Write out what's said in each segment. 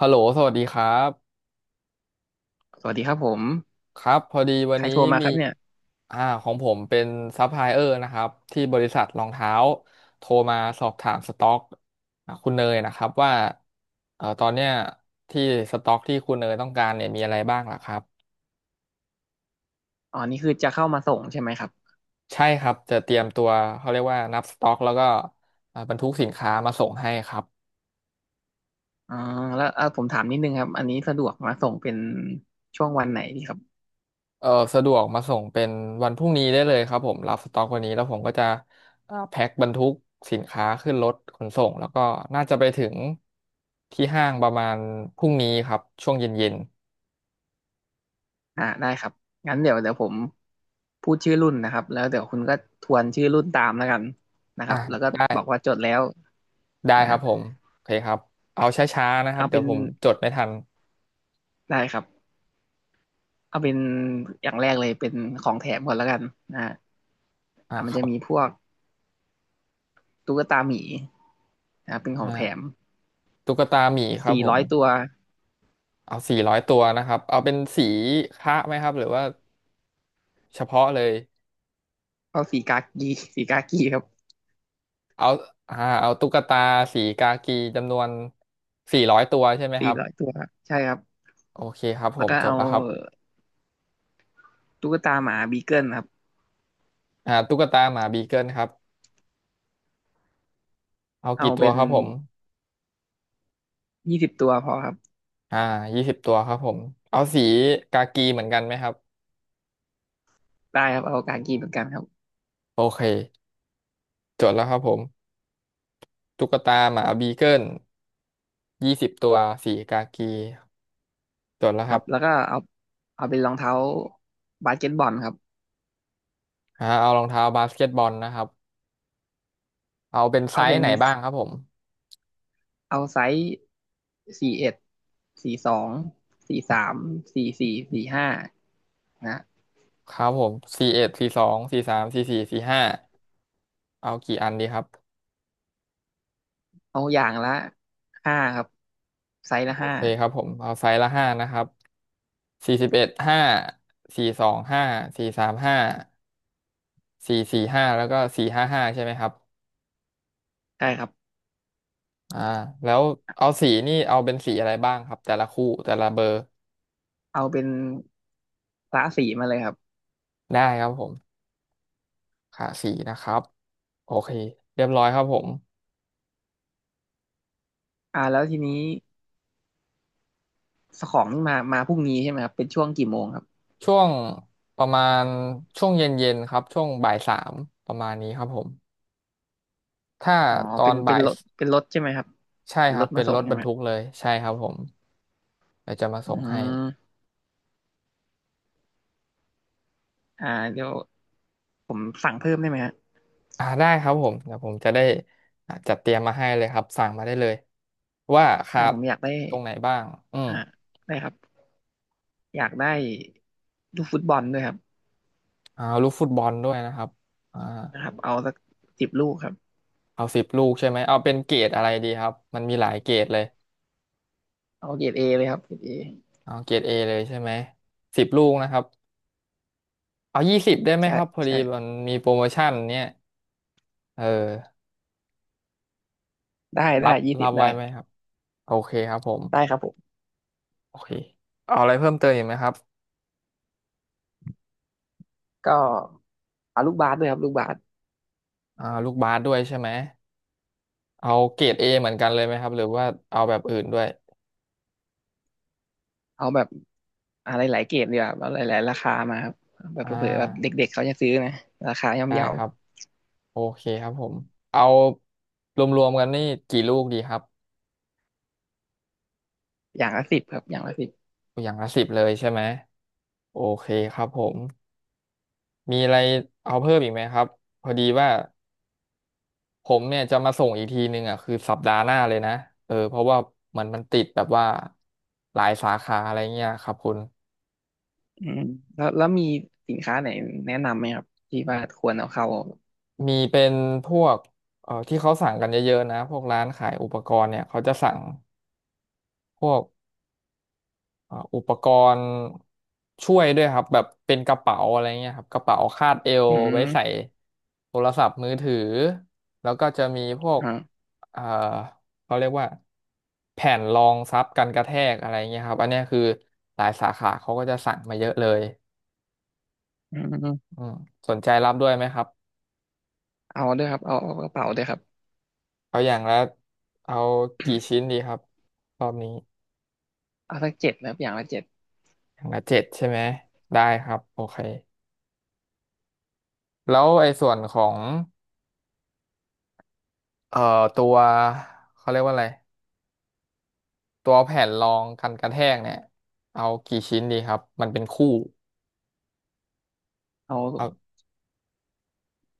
ฮัลโหลสวัสดีครับสวัสดีครับผมครับ พอดีวันใครนี้โทรมามีครับเนี่ยอ่าของผมเป็นซัพพลายเออร์นะครับที่บริษัทรองเท้าโทรมาสอบถามสต็อกคุณเนยนะครับว่าตอนเนี้ยที่สต็อกที่คุณเนยต้องการเนี่ยมีอะไรบ้างล่ะครับ อ๋อนี่คือจะเข้ามาส่งใช่ไหมครับใช่ครับจะเตรียมตัวเขาเรียกว่านับสต็อกแล้วก็บรรทุกสินค้ามาส่งให้ครับ อ๋อแล้วผมถามนิดนึงครับอันนี้สะดวกมาส่งเป็นช่วงวันไหนดีครับเออสะดวกมาส่งเป็นวันพรุ่งนี้ได้เลยครับผมรับสต็อกวันนี้แล้วผมก็จะแพ็คบรรทุกสินค้าขึ้นรถขนส่งแล้วก็น่าจะไปถึงที่ห้างประมาณพรุ่งนี้ครับช่วงเย็นอ่าได้ครับงั้นเดี๋ยวผมพูดชื่อรุ่นนะครับแล้วเดี๋ยวคุณก็ทวนชื่อรุ่นตามแล้วกันนะๆคอ่ะรับแล้วก็ได้บอกว่าจดแล้วได้นะครัฮะบผมโอเคครับเอาช้าๆนะครับเอาเดี๋เป็ยวนผมจดไม่ทันได้ครับเอาเป็นอย่างแรกเลยเป็นของแถมก่อนแล้วกันนะฮะอ่ะมัคนรัจะบมีพวกตุ๊กตาหมีนะเป็นของแถอ่ามตุ๊กตาหมีครับสี่ผร้มอยตัว เอาสี่ร้อยตัวนะครับเอาเป็นสีคะไหมครับหรือว่าเฉพาะเลย เอาสีกากี สีกากีครับเอาอ่าเอาตุ๊กตาสีกากีจำนวนสี่ร้อยตัวใช่ไหมคสี่รับร้อยตัวครับใช่ครับโอเคครับผแล้วมก็จดเอาแล้วครับตุ๊กตาหมาบีเกิลครับตุ๊กตาหมาบีเกิลครับเอาเอากี่ตัวเป็นครับผม20 ตัวพอครับอ่ายี่สิบตัวครับผมเอาสีกากีเหมือนกันไหมครับได้ครับเอากากีเหมือนกันครับโอเคจดแล้วครับผมตุ๊กตาหมาบีเกิลยี่สิบตัวสีกากีจดแล้วคครัรับบแล้วก็เอาเอาเป็นรองเท้าบาสเกตบอลครับเอารองเท้าบาสเกตบอลนะครับเอาเป็นไซเอาเป็ส์นไหนบ้างครับผมเอาไซส์414243สี่สี่45นะครับผม41 42 43 44 45เอากี่อันดีครับ เอาอย่างละห้าครับไซส์ละโอห้าเคครับผมเอาไซส์ละห้านะครับสี่สิบเอ็ดห้าสี่สองห้าสี่สามห้าสี่สี่ห้าแล้วก็สี่ห้าห้าใช่ไหมครับใช่ครับอ่าแล้วเอาสีนี่เอาเป็นสีอะไรบ้างครับแต่ละคู่แต่ละเบอร์เอาเป็นกะสีมาเลยครับได้ครับผมค่ะสีนะครับโอเคเรียบร้อยครับผมอ่าแล้วทีนี้ สของนี่มาพรุ่งนี้ใช่ไหมครับเป็นช่วงกี่โมงครับช่วงประมาณช่วงเย็นๆครับช่วงบ่ายสามประมาณนี้ครับผมถ้าอ๋อตอเป็นนเป็บ่านยรถเป็นรถใช่ไหมครับใช่เป็นครรับถเป็มานส่รงถบใช่รรไหมทุกเลยใช่ครับผมเดี๋ยวจะมาอืส่งให้ มอ่าเดี๋ยวผมสั่งเพิ่มได้ไหมฮะได้ครับผมเดี๋ยวผมจะได้จัดเตรียมมาให้เลยครับสั่งมาได้เลยว่าครับผมอยากได้ตรงไหนบ้างอืมอ่าได้ครับอยากได้ลูกฟุตบอลด้วยครับเอาลูกฟุตบอลด้วยนะครับอ่านะครับเอาสัก10 ลูกครับเอาสิบลูกใช่ไหมเอาเป็นเกรดอะไรดีครับมันมีหลายเกรดเลยเอาเกรดเอเลยครับเกรดเอเอาเกรดเอเลยใช่ไหมสิบลูกนะครับเอายี่สิบได้ไหมใช่ครับพอดีใช่มันมีโปรโมชั่นเนี่ยเออได้รัได้บยี่รัสิบบไว้ได้ไหมครับโอเคครับผมได้ครับผมโอเคเอาอะไรเพิ่มเติมอีกไหมครับก็เอาลูกบาสด้วยครับลูกบาส ลูกบาสด้วยใช่ไหมเอาเกรดเอเหมือนกันเลยไหมครับหรือว่าเอาแบบอื่นด้วย เอาแบบอะไรหลายๆเกรดดีกว่าเอาหลายๆราคามาครับแบบอ่เผื่อๆแบบาเด็กๆเขาจะซื้อนะราคาย่อมได้เยาครับโอเคครับผมเอารวมๆกันนี่กี่ลูกดีครับอย่างละสิบครับอย่างละสิบอย่างละ 10เลยใช่ไหมโอเคครับผมมีอะไรเอาเพิ่มอีกไหมครับพอดีว่าผมเนี่ยจะมาส่งอีกทีนึงอ่ะคือสัปดาห์หน้าเลยนะเออเพราะว่ามันติดแบบว่าหลายสาขาอะไรเงี้ยครับคุณอืมแล้วมีสินค้าไหนแนะนำไหมครับที่ว่าควรเอาเข้ามีเป็นพวกที่เขาสั่งกันเยอะๆนะพวกร้านขายอุปกรณ์เนี่ยเขาจะสั่งพวก อุปกรณ์ช่วยด้วยครับแบบเป็นกระเป๋าอะไรเงี้ยครับกระเป๋าคาดเอวอืไว้ใส่มโทรศัพท์มือถือแล้วก็จะมีพวกอ่าเอ่อเขาเรียกว่าแผ่นรองซับกันกระแทกอะไรเงี้ยครับอันเนี้ยคือหลายสาขาเขาก็จะสั่งมาเยอะเลยอืมอืมสนใจรับด้วยไหมครับเอาด้วยครับเอากระเป๋าด้วยครับ เอาอย่างละเอากี่ชิ้น ดีครับรอบนี้เอาสักเจ็ดนะครับอย่างละเจ็ดอย่างละ 7ใช่ไหมได้ครับโอเคแล้วไอ้ส่วนของ เอ่อตัวเขาเรียกว่าอะไรตัวแผ่นรองกันกระแทกเนี่ยเอากี่ชิ้นดีครับมันเป็นคู่เอาเอา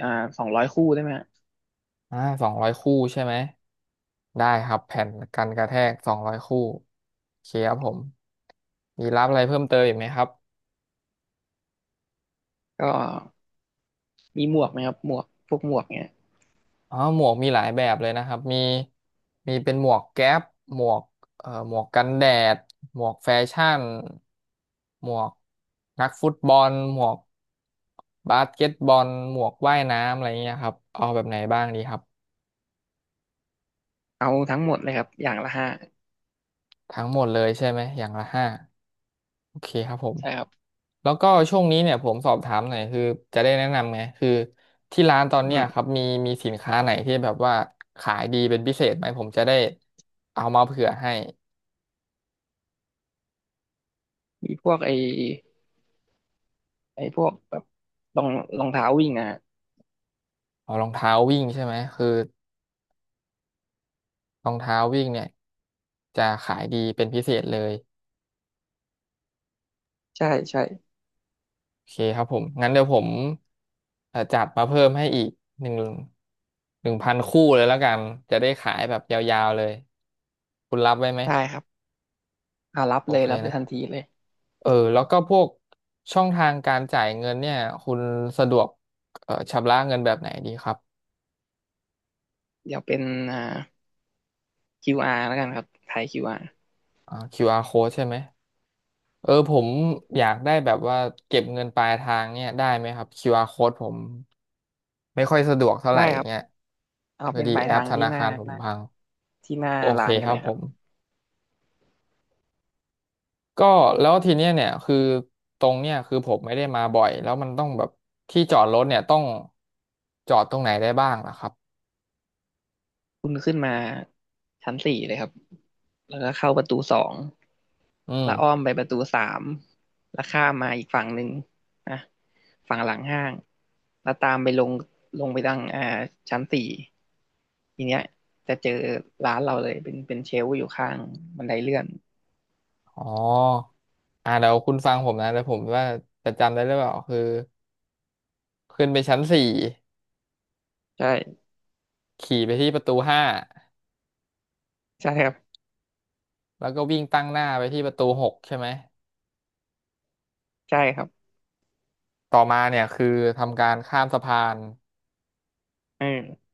อ่า200 คู่ได้ไหมฮะอ่าสองร้อยคู่ใช่ไหมได้ครับแผ่นกันกระแทกสองร้อยคู่โอเคครับผมมีรับอะไรเพิ่มเติมอีกไหมครับ ก็มีหมวกไหมครับหมวกพวกหมวกเนี่ยอ๋อหมวกมีหลายแบบเลยนะครับมีเป็นหมวกแก๊ปหมวกหมวกกันแดดหมวกแฟชั่นหมวกนักฟุตบอลหมวกบาสเกตบอลหมวกว่ายน้ำอะไรเงี้ยครับเอาแบบไหนบ้างดีครับเอาทั้งหมดเลยครับอย่างละห้าทั้งหมดเลยใช่ไหมอย่างละ 5โอเคครับผมใช่ครับแล้วก็ช่วงนี้เนี่ยผมสอบถามหน่อยคือจะได้แนะนำไงคือที่ร้านตอนอืเนี้ยมครับมีสินค้าไหนที่แบบว่าขายดีเป็นพิเศษไหมผมจะได้เอามาเผื่อให้ มีพวกไอ้พวกแบบรองรองเท้าวิ่งอ่ะอ๋อรองเท้าวิ่งใช่ไหมคือรองเท้าวิ่งเนี่ยจะขายดีเป็นพิเศษเลยใช่ใช่โอเคครับผมงั้นเดี๋ยวผมจัดมาเพิ่มให้อีกหนึ่งหนึ่งพันคู่เลยแล้วกันจะได้ขายแบบยาวๆเลยคุณรับไว้ไหมได้ครับอ่ารับโอเลยเครับเลนะยทันทีเลยเออแล้วก็พวกช่องทางการจ่ายเงินเนี่ยคุณสะดวกชำระเงินแบบไหนดีครับเดี๋ยวเป็นอ่า QR แล้วกันครับถาย QR QR code ใช่ไหม เออผมอยากได้แบบว่าเก็บเงินปลายทางเนี่ยได้ไหมครับ QR code ผมไม่ค่อยสะดวกเท่าไหได้ร่ครับเงี้ยเอาพอเป็นดีปลายแอทาปงธที่นาหน้าคารผหมน้าพังที่หน้าโอเคร้านกัคนรัเลบยผครับมก็แล้วทีเนี้ยเนี่ยคือตรงเนี่ยคือผมไม่ได้มาบ่อยแล้วมันต้องแบบที่จอดรถเนี่ยต้องจอดตรงไหนได้บ้างนะครับคุณขึ้นมาชั้นสี่เลยครับแล้วก็เข้าประตูสอง อืมแล้วอ้อมไปประตูสามแล้วข้ามมาอีกฝั่งหนึ่งนะฝั่งหลังห้างแล้วตามไปลงไปทางชั้นสี่ทีเนี้ยจะเจอร้านเราเลย เป็นเชลฟ์อยู่ข้างบันไดเลื่อนอ๋อเดี๋ยวคุณฟังผมนะเดี๋ยวผมว่าจะจำได้หรือเปล่าคือขึ้นไปชั้นสี่ใช่ ขี่ไปที่ประตูห้า ใช่ครับ แล้วก็วิ่งตั้งหน้าไปที่ประตูหกใช่ไหม ใช่ครับต่อมาเนี่ยคือทำการข้ามสะพาน เออ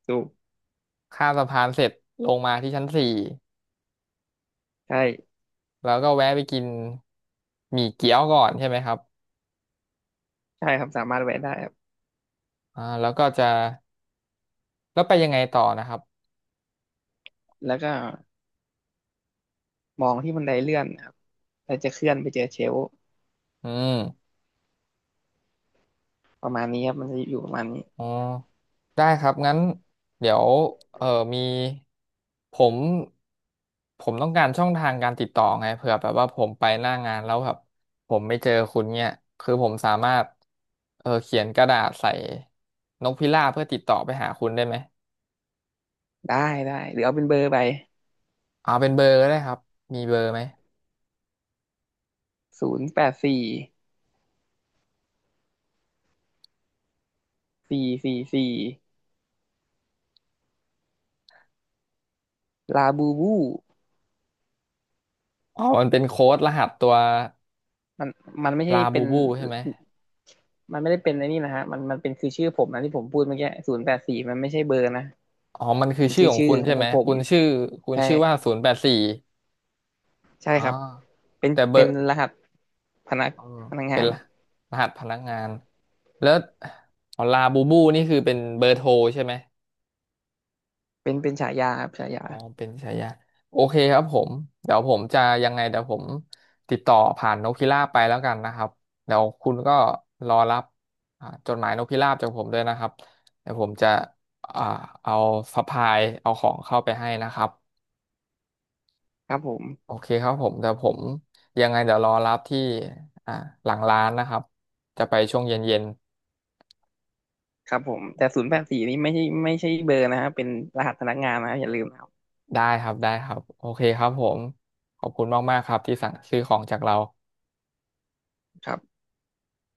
ถูกข้ามสะพานเสร็จลงมาที่ชั้นสี่ใช่แล้วก็แวะไปกินหมี่เกี๊ยวก่อนใช่ไหมครับใช่ครับสามารถแวะได้ครับแล้วก็จะ แล้วไปยังไงต่อนะครับแล้วก็มองที่บันไดเลื่อนครับแล้วจะเคลื่อนไปเจอเชลฟ์อืม ประมาณนี้ครับมันจะอยู่ประมาณนี้อ๋อได้ครับงั้นเดี๋ยวเออมีผมผมต้องการช่องทางการติดต่อไงเผื่อแบบว่าผมไปหน้างานแล้วแบบผมไม่เจอคุณเนี่ยคือผมสามารถเออเขียนกระดาษใส่นกพิราบเพื่อติดต่อไปหาคุณได้ไหมได้ได้ หรือเอาเป็นเบอร์ไปเอาเป็นเบอร์ก็ได้ครับมีเบอร์ไหม084444 ลาบูบูอ๋อมันเป็นโค้ดรหัสตัวมันมันไม่ใช่ลาเป็บูนบูใช่ไหมไม่ได้เป็นไอ้นี่นะฮะมันเป็นคือชื่อผมนะที่ผมพูดเมื่อกี้ศูนย์แปดสี่มันไม่ใช่เบอร์นะอ๋อมันคือมันชื่อคือของชื่อคุณขใช่องไหมผมคุณชื่อคุณใช่ชื่อว่า084ใช่อ๋อครับเป็นแต่เบอเป็นร์ รหัสพนักเออพนักเป็งานนรหัสพนักงานแล้วอ๋อลาบูบูนี่คือเป็นเบอร์โทรใช่ไหมเป็นฉายาครับฉายาอ๋อเป็นฉายาโอเคครับผมเดี๋ยวผมจะยังไงเดี๋ยวผมติดต่อผ่านนกพิราบไปแล้วกันนะครับเดี๋ยวคุณก็รอรับจดหมายนกพิราบจากผมด้วยนะครับเดี๋ยวผมจะอ่าเอาสะพายเอาของเข้าไปให้นะครับครับผมโอเคครับผมเดี๋ยวผมยังไงเดี๋ยวรอรับที่อ่าหลังร้านนะครับจะไปช่วงเย็นๆ ครับผมแต่ศูนย์แปดสี่นี้ไม่ใช่เบอร์นะฮะเป็นรหัสพนักงานนะอย่าลืมนะได้ครับ ได้ครับ โอเคครับผม ขอบคุณมากๆครับที่สั่งซื้อของจากเราครับ